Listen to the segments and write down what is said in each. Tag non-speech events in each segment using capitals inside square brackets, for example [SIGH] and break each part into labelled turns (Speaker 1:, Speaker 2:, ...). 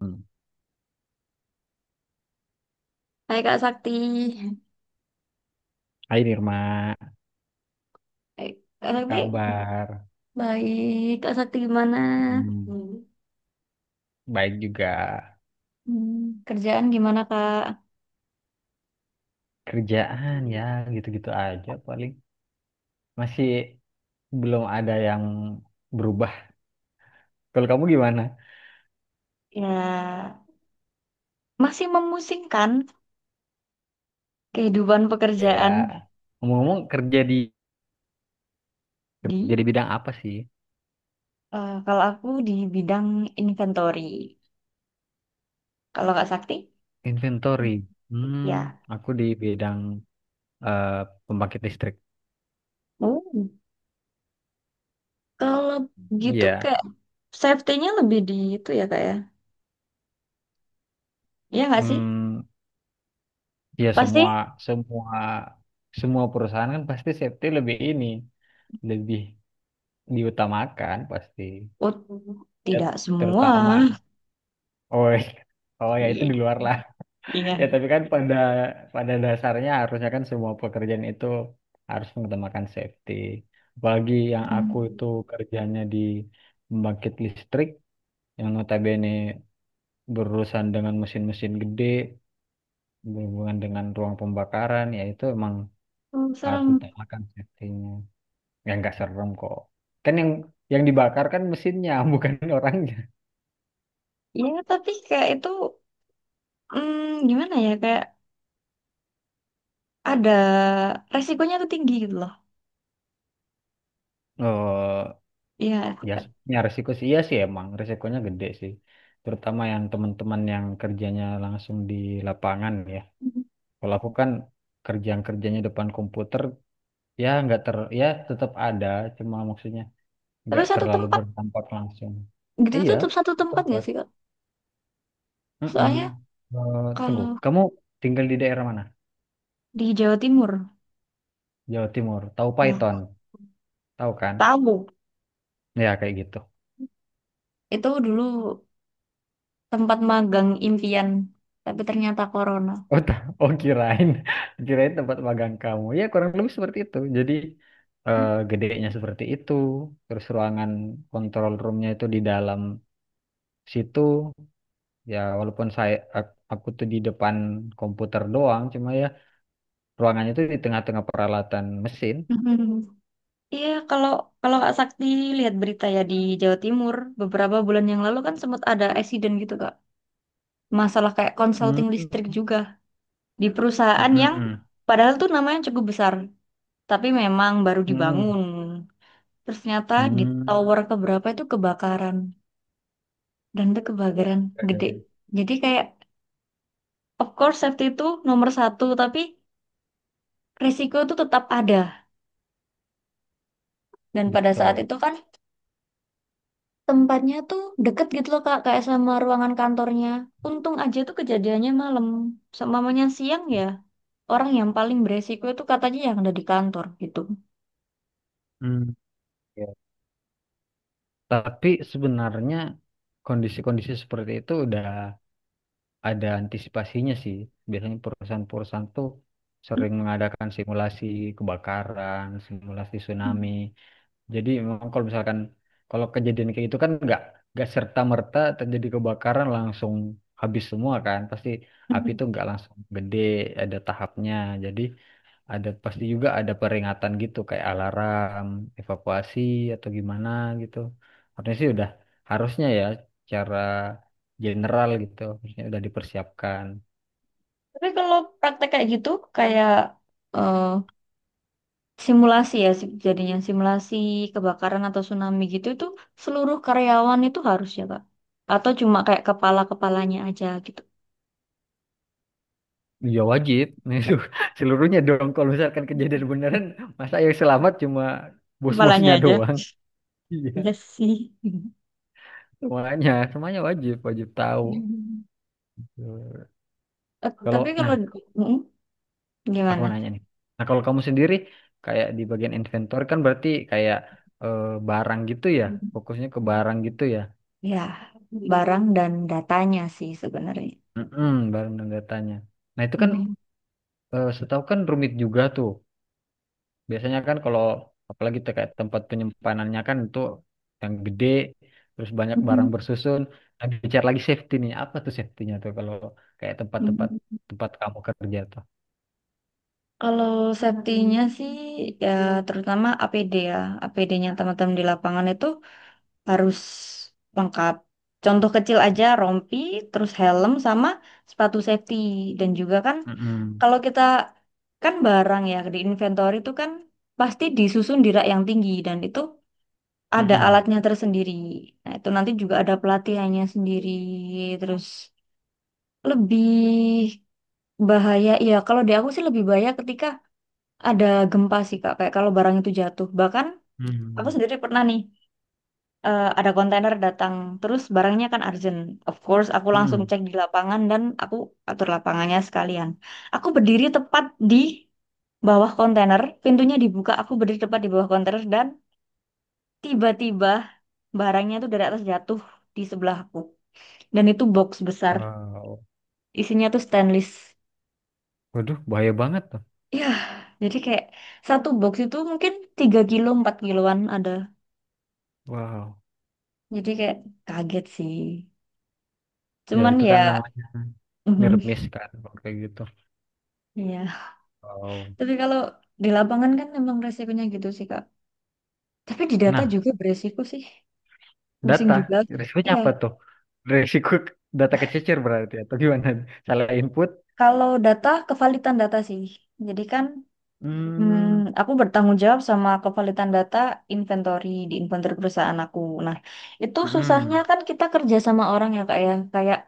Speaker 1: Hmm.
Speaker 2: Hai Kak Sakti.
Speaker 1: Hai Nirma,
Speaker 2: Eh, Kak Sakti.
Speaker 1: kabar?
Speaker 2: Baik, Kak Sakti gimana?
Speaker 1: Hmm, baik juga.
Speaker 2: Kerjaan gimana Kak?
Speaker 1: Kerjaan ya, gitu-gitu aja paling. Masih belum ada yang berubah. Kalau kamu gimana?
Speaker 2: Ya, masih memusingkan kehidupan
Speaker 1: Ya,
Speaker 2: pekerjaan.
Speaker 1: ngomong-ngomong kerja di kerja
Speaker 2: di
Speaker 1: di bidang apa sih?
Speaker 2: Eh, kalau aku di bidang inventory, kalau Kak Sakti,
Speaker 1: Inventory. Hmm,
Speaker 2: ya.
Speaker 1: aku di bidang eh, pembangkit listrik.
Speaker 2: Oh, kalau gitu
Speaker 1: Iya.
Speaker 2: kayak safety-nya lebih di itu ya Kak ya. Iya nggak sih?
Speaker 1: Hmm, ya semua
Speaker 2: Pasti.
Speaker 1: semua semua perusahaan kan pasti safety lebih ini, lebih diutamakan pasti.
Speaker 2: Oh,
Speaker 1: Ya
Speaker 2: tidak
Speaker 1: terutama
Speaker 2: semua.
Speaker 1: oh, [LAUGHS] oh ya,
Speaker 2: [LAUGHS]
Speaker 1: itu
Speaker 2: Iya.
Speaker 1: di luar lah.
Speaker 2: Iya.
Speaker 1: [LAUGHS] Ya tapi kan pada pada dasarnya harusnya kan semua pekerjaan itu harus mengutamakan safety, apalagi yang aku itu kerjanya di pembangkit listrik yang notabene berurusan dengan mesin-mesin gede, berhubungan dengan ruang pembakaran. Ya itu emang
Speaker 2: Oh,
Speaker 1: harus
Speaker 2: serem.
Speaker 1: ditamakan safety-nya. Ya nggak serem kok, kan yang dibakar kan mesinnya, [LAUGHS] bukan orangnya.
Speaker 2: Ya, tapi kayak itu mm, gimana ya kayak ada resikonya tuh tinggi gitu loh.
Speaker 1: Oh.
Speaker 2: Iya,
Speaker 1: Ya,
Speaker 2: Kak.
Speaker 1: ya, resiko sih, iya sih emang resikonya gede sih. Terutama yang teman-teman yang kerjanya langsung di lapangan ya.
Speaker 2: Mhm.
Speaker 1: Kalau aku kan kerja yang kerjanya depan komputer, ya nggak ter, ya tetap ada, cuma maksudnya
Speaker 2: Tapi
Speaker 1: nggak
Speaker 2: satu
Speaker 1: terlalu
Speaker 2: tempat
Speaker 1: berdampak langsung.
Speaker 2: gitu itu
Speaker 1: Iya,
Speaker 2: tetap satu tempat nggak
Speaker 1: tempat.
Speaker 2: sih, Kak?
Speaker 1: Mm-mm.
Speaker 2: Soalnya
Speaker 1: Eh, tunggu,
Speaker 2: kalau
Speaker 1: kamu tinggal di daerah mana?
Speaker 2: di Jawa Timur,
Speaker 1: Jawa Timur. Tahu Python?
Speaker 2: ya,
Speaker 1: Tahu kan?
Speaker 2: tahu
Speaker 1: Ya kayak gitu.
Speaker 2: itu dulu tempat magang impian, tapi ternyata corona. [LAUGHS]
Speaker 1: Oh, ta- oh, kirain, [LAUGHS] kirain tempat magang kamu. Ya kurang lebih seperti itu. Jadi gedenya seperti itu. Terus ruangan kontrol roomnya itu di dalam situ. Ya walaupun aku tuh di depan komputer doang, cuma ya ruangannya itu di tengah-tengah peralatan mesin.
Speaker 2: Mhm. Iya, kalau kalau Kak Sakti lihat berita ya di Jawa Timur beberapa bulan yang lalu kan sempat ada accident gitu, Kak. Masalah kayak
Speaker 1: Hmm.
Speaker 2: konsulting listrik juga, di perusahaan yang
Speaker 1: Mm-mm.
Speaker 2: padahal tuh namanya cukup besar, tapi memang baru
Speaker 1: Mm-mm.
Speaker 2: dibangun. Terus ternyata di
Speaker 1: Hmm.
Speaker 2: tower keberapa itu kebakaran dan itu kebakaran
Speaker 1: Ya, ya.
Speaker 2: gede. Jadi kayak of course safety itu nomor satu, tapi resiko itu tetap ada. Dan pada saat
Speaker 1: Betul.
Speaker 2: itu kan tempatnya tuh deket gitu loh Kak, kayak sama ruangan kantornya. Untung aja tuh kejadiannya malam. Seumpamanya siang ya, orang yang paling beresiko itu katanya yang ada di kantor gitu.
Speaker 1: Hmm. Ya. Tapi sebenarnya kondisi-kondisi seperti itu udah ada antisipasinya sih. Biasanya perusahaan-perusahaan tuh sering mengadakan simulasi kebakaran, simulasi tsunami. Jadi memang kalau misalkan kalau kejadian kayak itu kan nggak serta merta terjadi kebakaran langsung habis semua kan. Pasti api itu
Speaker 2: [LAUGHS]
Speaker 1: nggak langsung gede, ada tahapnya. Jadi pasti juga ada peringatan gitu kayak alarm, evakuasi atau gimana gitu. Harusnya sih udah, harusnya ya cara general gitu, harusnya udah dipersiapkan.
Speaker 2: Tapi kalau praktek kayak gitu, kayak eh, simulasi ya, jadinya simulasi kebakaran atau tsunami gitu, itu seluruh karyawan itu harus ya, Kak? Atau cuma kayak kepala-kepalanya aja gitu?
Speaker 1: Ya wajib, [LAUGHS] itu seluruhnya dong. Kalau misalkan kejadian beneran, masa yang selamat cuma
Speaker 2: Kepalanya
Speaker 1: bos-bosnya
Speaker 2: aja.
Speaker 1: doang. [LAUGHS] Iya,
Speaker 2: Iya sih.
Speaker 1: semuanya, semuanya wajib, wajib tahu.
Speaker 2: [LAUGHS] Eh, tapi
Speaker 1: Kalau
Speaker 2: kalau
Speaker 1: nah
Speaker 2: Mm,
Speaker 1: Aku
Speaker 2: gimana?
Speaker 1: mau nanya nih. Nah, kalau kamu sendiri kayak di bagian inventor kan berarti kayak eh, barang gitu ya, fokusnya ke barang gitu ya.
Speaker 2: Ya, barang dan datanya sih sebenarnya.
Speaker 1: Mm-mm, barang dan datanya. Nah, itu kan
Speaker 2: Mhm.
Speaker 1: setahu kan rumit juga tuh. Biasanya kan kalau apalagi tuh kayak tempat penyimpanannya kan itu yang gede, terus banyak barang bersusun. Nah, bicara lagi safety nih, apa tuh safety-nya tuh kalau kayak
Speaker 2: Mhm.
Speaker 1: tempat kamu kerja tuh.
Speaker 2: Kalau safety-nya sih ya terutama APD ya. APD-nya teman-teman di lapangan itu harus lengkap. Contoh kecil aja rompi, terus helm sama sepatu safety, dan juga kan
Speaker 1: Mm-mm,
Speaker 2: kalau kita kan barang ya di inventory itu kan pasti disusun di rak yang tinggi dan itu ada
Speaker 1: mm-mm,
Speaker 2: alatnya tersendiri. Nah, itu nanti juga ada pelatihannya sendiri. Terus lebih bahaya ya, kalau di aku sih lebih bahaya ketika ada gempa sih Kak, kayak kalau barang itu jatuh. Bahkan aku
Speaker 1: mm-mm,
Speaker 2: sendiri pernah nih, ada kontainer datang terus barangnya kan urgent. Of course aku langsung
Speaker 1: mm-mm.
Speaker 2: cek di lapangan dan aku atur lapangannya sekalian. Aku berdiri tepat di bawah kontainer, pintunya dibuka, aku berdiri tepat di bawah kontainer dan tiba-tiba barangnya tuh dari atas jatuh di sebelahku. Dan itu box besar,
Speaker 1: Wow,
Speaker 2: isinya tuh stainless.
Speaker 1: waduh, bahaya banget tuh.
Speaker 2: Ya, jadi kayak satu box itu mungkin 3 kilo, 4 kiloan ada.
Speaker 1: Wow.
Speaker 2: Jadi kayak kaget sih.
Speaker 1: Ya
Speaker 2: Cuman
Speaker 1: itu kan
Speaker 2: ya.
Speaker 1: namanya nirmis kan kalau kayak gitu.
Speaker 2: [LAUGHS] Iya.
Speaker 1: Wow.
Speaker 2: Tapi kalau di lapangan kan memang resikonya gitu sih, Kak. Tapi di data
Speaker 1: Nah,
Speaker 2: juga beresiko sih. Pusing
Speaker 1: data
Speaker 2: juga.
Speaker 1: risikonya
Speaker 2: Iya,
Speaker 1: apa tuh? Risiko data kececer berarti atau gimana? Salah input?
Speaker 2: kalau data, kevalitan data sih. Jadi kan
Speaker 1: Hmm.
Speaker 2: hmm, aku bertanggung jawab sama kevalitan data inventory di inventory perusahaan aku. Nah, itu susahnya
Speaker 1: Hmm.
Speaker 2: kan kita kerja sama orang ya, Kak ya. Kayak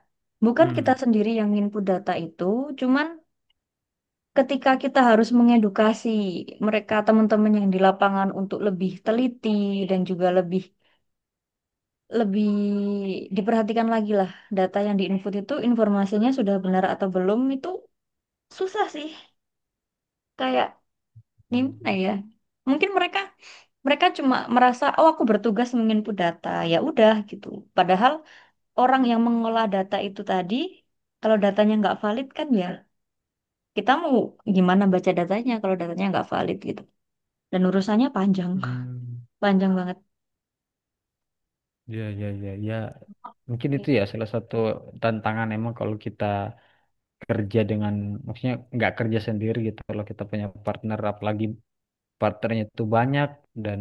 Speaker 2: bukan kita
Speaker 1: Hmm.
Speaker 2: sendiri yang input data itu, cuman ketika kita harus mengedukasi mereka teman-teman yang di lapangan untuk lebih teliti dan juga lebih lebih diperhatikan lagi lah, data yang diinput itu informasinya sudah benar atau belum, itu susah sih, kayak
Speaker 1: Iya,
Speaker 2: gimana
Speaker 1: iya.
Speaker 2: ya, mungkin mereka mereka cuma merasa oh aku bertugas menginput data ya udah gitu, padahal orang yang mengolah data itu tadi, kalau datanya nggak valid kan ya, kita mau gimana baca datanya kalau datanya nggak valid gitu, dan urusannya panjang,
Speaker 1: Hmm.
Speaker 2: panjang banget.
Speaker 1: Ya, ya, ya, ya. Mungkin itu ya salah satu tantangan emang kalau kita kerja dengan, maksudnya nggak kerja sendiri gitu. Kalau kita punya partner, apalagi partnernya itu banyak dan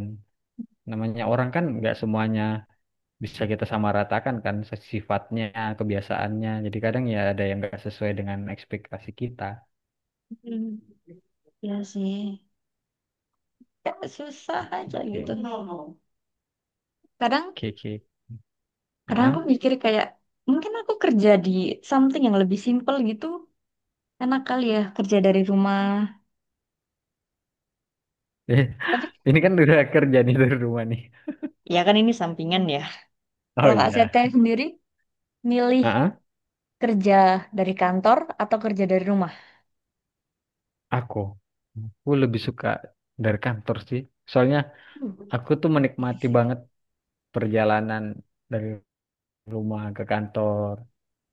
Speaker 1: namanya orang kan nggak semuanya bisa kita samaratakan kan sifatnya, kebiasaannya. Jadi kadang ya ada yang nggak sesuai dengan ekspektasi kita.
Speaker 2: Hmm, ya sih. Ya, susah aja gitu
Speaker 1: Oke,
Speaker 2: kadang.
Speaker 1: oke, oke.
Speaker 2: Kadang aku
Speaker 1: Heeh.
Speaker 2: mikir kayak mungkin aku kerja di something yang lebih simple gitu. Enak kali ya kerja dari rumah. Tapi
Speaker 1: [LAUGHS] Ini kan udah kerja nih dari rumah nih.
Speaker 2: ya kan ini sampingan ya.
Speaker 1: Oh
Speaker 2: Kalau Kak
Speaker 1: iya.
Speaker 2: Sete sendiri milih
Speaker 1: Heeh.
Speaker 2: kerja dari kantor atau kerja dari rumah?
Speaker 1: Aku, aku lebih suka dari kantor sih. Soalnya
Speaker 2: Hmm,
Speaker 1: aku tuh
Speaker 2: iya
Speaker 1: menikmati
Speaker 2: sih.
Speaker 1: banget perjalanan dari rumah ke kantor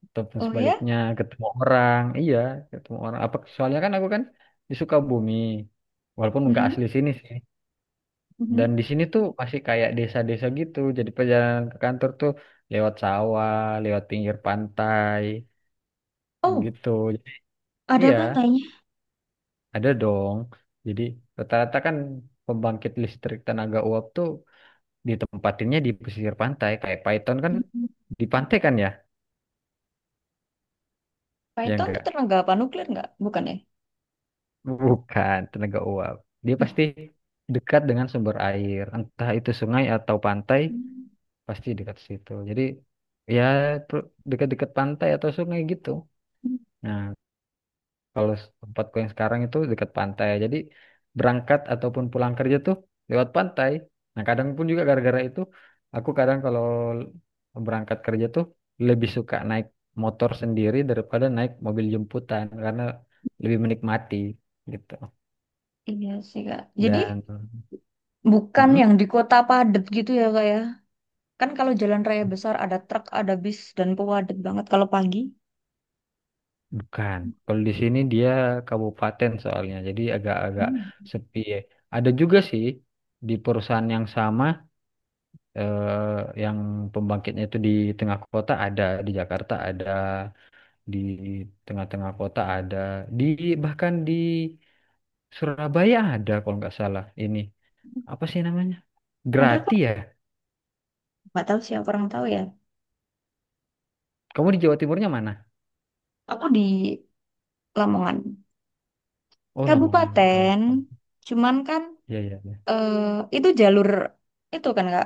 Speaker 1: ataupun
Speaker 2: Oh ya?
Speaker 1: sebaliknya ketemu orang. Iya, ketemu orang. Apa soalnya kan aku kan di Sukabumi. Walaupun nggak
Speaker 2: Mhm,
Speaker 1: asli sini sih. Dan
Speaker 2: mhm.
Speaker 1: di sini tuh masih kayak desa-desa gitu. Jadi perjalanan ke kantor tuh lewat sawah, lewat pinggir pantai
Speaker 2: Oh,
Speaker 1: gitu.
Speaker 2: ada
Speaker 1: Iya,
Speaker 2: pantainya.
Speaker 1: ada dong. Jadi rata-rata kan pembangkit listrik tenaga uap tuh ditempatinnya di pesisir pantai. Kayak Python kan
Speaker 2: Mhm.
Speaker 1: di pantai kan ya? Ya
Speaker 2: Python tuh
Speaker 1: enggak.
Speaker 2: tenaga apa, nuklir nggak? Bukan ya?
Speaker 1: Bukan tenaga uap. Dia pasti dekat dengan sumber air, entah itu sungai atau pantai,
Speaker 2: Hmm.
Speaker 1: pasti dekat situ. Jadi ya dekat-dekat pantai atau sungai gitu. Nah, kalau tempatku yang sekarang itu dekat pantai. Jadi berangkat ataupun pulang kerja tuh lewat pantai. Nah, kadang pun juga gara-gara itu aku kadang kalau berangkat kerja tuh lebih suka naik motor sendiri daripada naik mobil jemputan karena lebih menikmati gitu.
Speaker 2: Iya sih, Kak. Jadi
Speaker 1: Dan
Speaker 2: bukan
Speaker 1: Mm-mm,
Speaker 2: yang di kota padat gitu ya, Kak ya? Kan kalau jalan raya besar ada truk, ada bis, dan padat banget kalau pagi.
Speaker 1: bukan. Kalau di sini dia kabupaten soalnya. Jadi agak-agak
Speaker 2: Hmm.
Speaker 1: sepi. Ada juga sih di perusahaan yang sama yang pembangkitnya itu di tengah kota ada, di Jakarta ada, di tengah-tengah kota ada, di bahkan di Surabaya ada kalau nggak salah ini. Apa sih namanya?
Speaker 2: Ada
Speaker 1: Grati
Speaker 2: kok,
Speaker 1: ya?
Speaker 2: nggak tahu siapa orang tahu ya.
Speaker 1: Kamu di Jawa Timurnya mana?
Speaker 2: Aku di Lamongan,
Speaker 1: Oh, Lamongan nggak tahu.
Speaker 2: kabupaten. Cuman kan
Speaker 1: Iya, iya, iya.
Speaker 2: eh, itu jalur, itu kan Kak,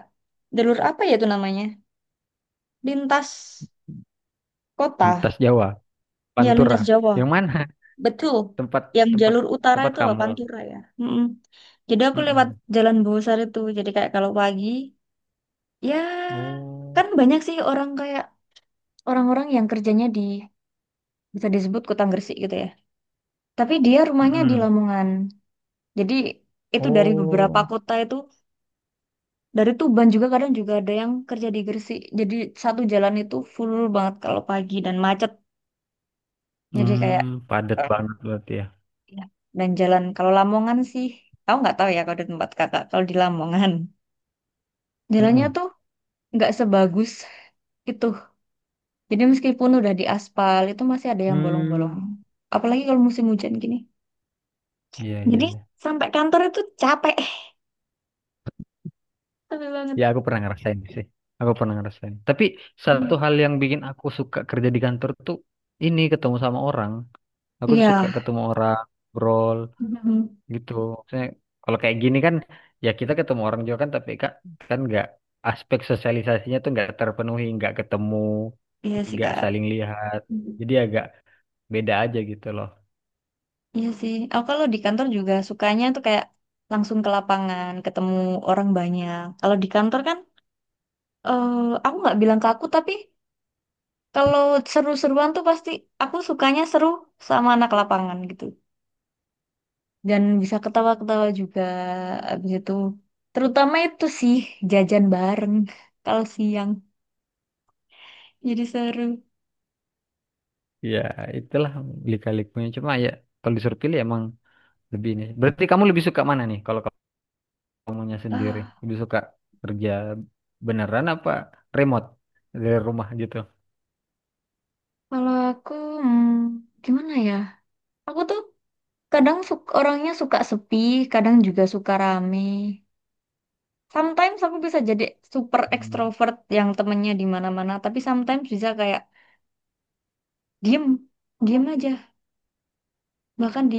Speaker 2: jalur apa ya itu namanya? Lintas
Speaker 1: Lintas
Speaker 2: kota,
Speaker 1: Jawa,
Speaker 2: ya
Speaker 1: Pantura.
Speaker 2: lintas Jawa,
Speaker 1: Yang mana?
Speaker 2: betul.
Speaker 1: [LAUGHS] Tempat
Speaker 2: Yang
Speaker 1: tempat
Speaker 2: jalur utara
Speaker 1: tempat
Speaker 2: itu apa
Speaker 1: kamu.
Speaker 2: Pantura ya. Mm-mm. Jadi aku lewat
Speaker 1: Mm-mm.
Speaker 2: Jalan Bosar itu. Jadi kayak kalau pagi, ya kan
Speaker 1: Oh,
Speaker 2: banyak sih orang, kayak orang-orang yang kerjanya di bisa disebut kota Gresik gitu ya. Tapi dia rumahnya di
Speaker 1: mm-mm.
Speaker 2: Lamongan. Jadi itu dari beberapa
Speaker 1: Oh,
Speaker 2: kota itu, dari Tuban juga kadang juga ada yang kerja di Gresik. Jadi satu jalan itu full banget kalau pagi dan macet. Jadi kayak
Speaker 1: padat
Speaker 2: eh,
Speaker 1: banget berarti ya.
Speaker 2: ya. Dan jalan kalau Lamongan sih, aku nggak tahu ya kalau di tempat kakak. Kalau di Lamongan [LAUGHS] jalannya
Speaker 1: Mm-mm.
Speaker 2: tuh nggak sebagus itu. Jadi meskipun udah di aspal itu masih ada yang
Speaker 1: Hmm,
Speaker 2: bolong-bolong. Apalagi kalau musim hujan gini.
Speaker 1: iya, iya,
Speaker 2: Jadi
Speaker 1: iya.
Speaker 2: sampai kantor itu capek. [LAUGHS] Capek banget.
Speaker 1: Ya, aku pernah ngerasain sih. Aku pernah ngerasain. Tapi satu
Speaker 2: Mhm.
Speaker 1: hal yang bikin aku suka kerja di kantor tuh ini ketemu sama orang. Aku tuh suka
Speaker 2: Iya.
Speaker 1: ketemu orang, ngobrol
Speaker 2: Mhm.
Speaker 1: gitu. Maksudnya kalau kayak gini kan ya kita ketemu orang juga kan, tapi kan kan nggak, aspek sosialisasinya tuh nggak terpenuhi, nggak ketemu,
Speaker 2: Iya sih,
Speaker 1: nggak
Speaker 2: Kak.
Speaker 1: saling lihat.
Speaker 2: Mhm.
Speaker 1: Jadi agak beda aja gitu loh.
Speaker 2: Iya sih. Aku kalau di kantor juga sukanya tuh kayak langsung ke lapangan, ketemu orang banyak. Kalau di kantor kan, eh, aku nggak bilang ke aku, tapi kalau seru-seruan tuh pasti aku sukanya seru sama anak lapangan gitu. Dan bisa ketawa-ketawa juga abis itu. Terutama itu sih jajan bareng [LAUGHS] kalau siang. Jadi seru.
Speaker 1: Ya, itulah lika-likunya. Cuma ya kalau disuruh pilih emang lebih ini. Berarti kamu lebih suka mana nih? Kalau kamunya sendiri
Speaker 2: Ah.
Speaker 1: lebih suka kerja beneran apa remote dari rumah gitu?
Speaker 2: Kalau aku, hmm, gimana ya? Aku tuh kadang orangnya suka sepi, kadang juga suka rame. Sometimes aku bisa jadi super
Speaker 1: Hmm.
Speaker 2: extrovert yang temennya di mana-mana, tapi sometimes bisa kayak diem, diem aja. Bahkan di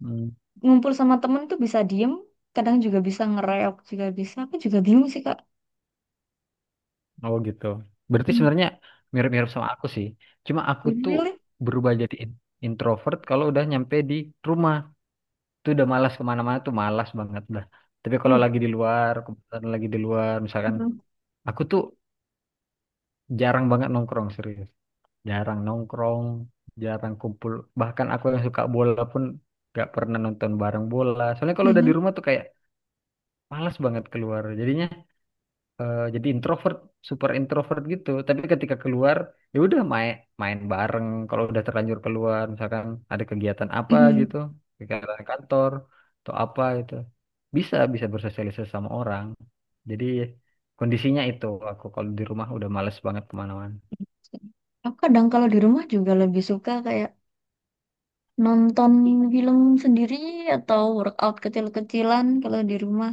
Speaker 1: Hmm.
Speaker 2: ngumpul sama temen tuh bisa diem, kadang juga bisa ngereok juga bisa. Aku juga bingung sih, Kak.
Speaker 1: Oh gitu. Berarti
Speaker 2: Hmm,
Speaker 1: sebenarnya mirip-mirip sama aku sih. Cuma aku tuh
Speaker 2: really?
Speaker 1: berubah jadi introvert kalau udah nyampe di rumah. Tuh udah malas kemana-mana, tuh malas banget dah. Tapi kalau
Speaker 2: Oh.
Speaker 1: lagi di luar, kebetulan lagi di luar, misalkan
Speaker 2: Mhm.
Speaker 1: aku tuh jarang banget nongkrong serius. Jarang nongkrong, jarang kumpul. Bahkan aku yang suka bola pun gak pernah nonton bareng bola. Soalnya kalau udah
Speaker 2: Mhm.
Speaker 1: di rumah tuh kayak malas banget keluar. Jadinya jadi introvert, super introvert gitu. Tapi ketika keluar, ya udah main main bareng. Kalau udah terlanjur keluar, misalkan ada kegiatan apa
Speaker 2: Mhm.
Speaker 1: gitu, kegiatan kantor atau apa gitu, bisa bisa bersosialisasi sama orang. Jadi kondisinya itu aku kalau di rumah udah males banget kemana-mana.
Speaker 2: Aku kadang kalau di rumah juga lebih suka kayak nonton film sendiri atau workout kecil-kecilan kalau di rumah.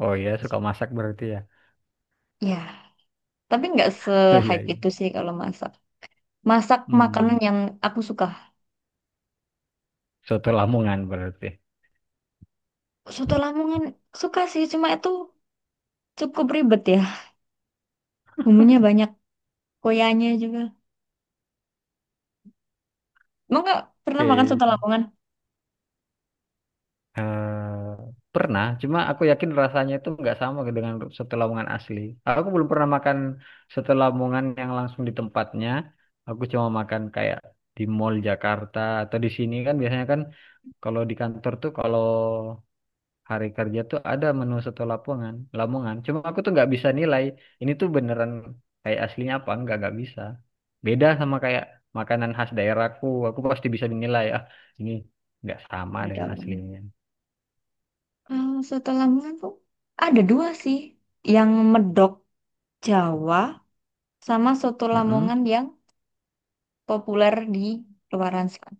Speaker 1: Oh iya, suka masak berarti ya. [LAUGHS]
Speaker 2: Ya. Tapi nggak
Speaker 1: Oh iya.
Speaker 2: se-hype itu
Speaker 1: Iya.
Speaker 2: sih kalau masak. Masak makanan
Speaker 1: Hmm,
Speaker 2: yang aku suka.
Speaker 1: soto Lamongan berarti.
Speaker 2: Soto Lamongan suka sih, cuma itu cukup ribet ya. Bumbunya banyak, koyanya juga. Emang nggak pernah makan soto
Speaker 1: Oke.
Speaker 2: Lamongan?
Speaker 1: Eh, pernah, cuma aku yakin rasanya itu nggak sama dengan soto Lamongan asli. Aku belum pernah makan soto Lamongan yang langsung di tempatnya. Aku cuma makan kayak di Mall Jakarta atau di sini kan biasanya kan kalau di kantor tuh kalau hari kerja tuh ada menu soto lamongan lamongan cuma aku tuh nggak bisa nilai ini tuh beneran kayak aslinya apa nggak bisa. Beda sama kayak makanan khas daerahku, aku pasti bisa dinilai, ah ini nggak sama dengan
Speaker 2: Nggak.
Speaker 1: aslinya.
Speaker 2: Kalau soto Lamongan tuh ada dua sih. Yang medok Jawa sama soto
Speaker 1: Mm-mm.
Speaker 2: Lamongan yang populer di luaran sana.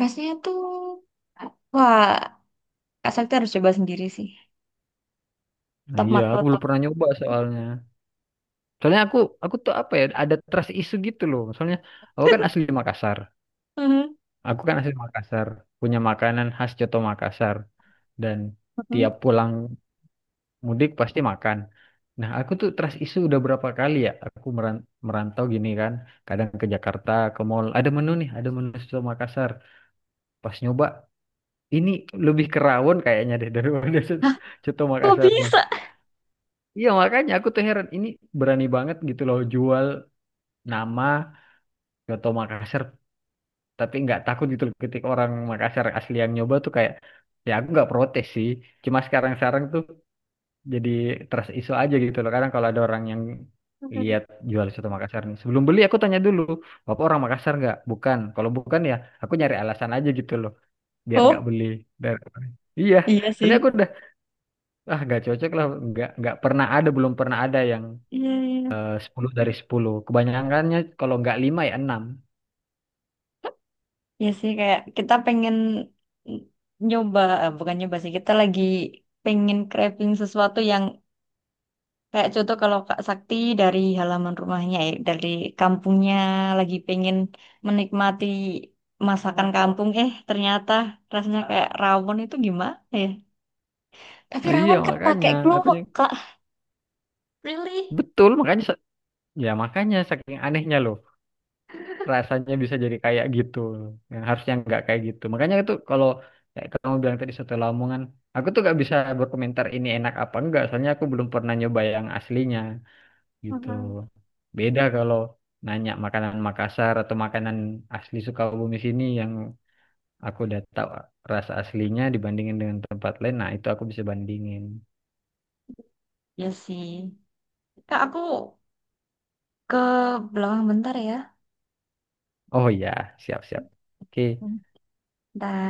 Speaker 2: Rasanya tuh, wah, Kak Sakti harus coba sendiri sih.
Speaker 1: Nah,
Speaker 2: Top
Speaker 1: iya aku belum
Speaker 2: markotop.
Speaker 1: pernah nyoba soalnya soalnya aku tuh apa ya ada trust isu gitu loh soalnya aku kan asli Makassar,
Speaker 2: Mhm.
Speaker 1: aku kan asli Makassar, punya makanan khas Coto Makassar dan tiap
Speaker 2: Mhm.
Speaker 1: pulang Mudik pasti makan. Nah, aku tuh trust issue udah berapa kali ya aku merantau gini kan. Kadang ke Jakarta, ke mall. Ada menu nih, ada menu soto Makassar. Pas nyoba, ini lebih kerawon kayaknya deh daripada [LAUGHS] soto,
Speaker 2: Hah,
Speaker 1: soto
Speaker 2: kok
Speaker 1: Makassarnya.
Speaker 2: bisa?
Speaker 1: Iya, makanya aku tuh heran. Ini berani banget gitu loh jual nama soto Makassar. Tapi nggak takut gitu loh ketika orang Makassar asli yang nyoba tuh kayak, ya aku nggak protes sih. Cuma sekarang-sekarang tuh jadi trust issue aja gitu loh kadang kalau ada orang yang lihat jual soto Makassar nih sebelum beli aku tanya dulu bapak orang Makassar nggak, bukan? Kalau bukan ya aku nyari alasan aja gitu loh biar nggak
Speaker 2: Oh,
Speaker 1: beli. dari iya,
Speaker 2: iya sih.
Speaker 1: soalnya aku udah ah nggak cocok lah, nggak pernah ada belum pernah ada yang
Speaker 2: Iya, iya.
Speaker 1: 10 dari 10. Kebanyakannya kalau nggak lima ya enam.
Speaker 2: Iya sih, kayak kita pengen nyoba, eh, bukan nyoba sih, kita lagi pengen craving sesuatu yang kayak contoh kalau Kak Sakti dari halaman rumahnya, ya, dari kampungnya lagi pengen menikmati masakan kampung, eh ternyata rasanya kayak rawon itu gimana ya? Tapi
Speaker 1: Iya,
Speaker 2: rawon kan pakai
Speaker 1: makanya aku
Speaker 2: kluwek, Kak. Really?
Speaker 1: betul, makanya ya makanya saking anehnya loh rasanya bisa jadi kayak gitu yang harusnya nggak kayak gitu. Makanya itu kalau kayak kamu bilang tadi soto Lamongan aku tuh nggak bisa berkomentar ini enak apa enggak soalnya aku belum pernah nyoba yang aslinya gitu.
Speaker 2: Mhm.
Speaker 1: Beda kalau nanya makanan Makassar atau makanan asli Sukabumi sini yang aku udah tahu rasa aslinya dibandingin dengan tempat lain, nah itu aku bisa bandingin.
Speaker 2: Iya sih. Kak, aku ke belakang bentar ya.
Speaker 1: Oh iya, siap siap, oke.
Speaker 2: Bentar.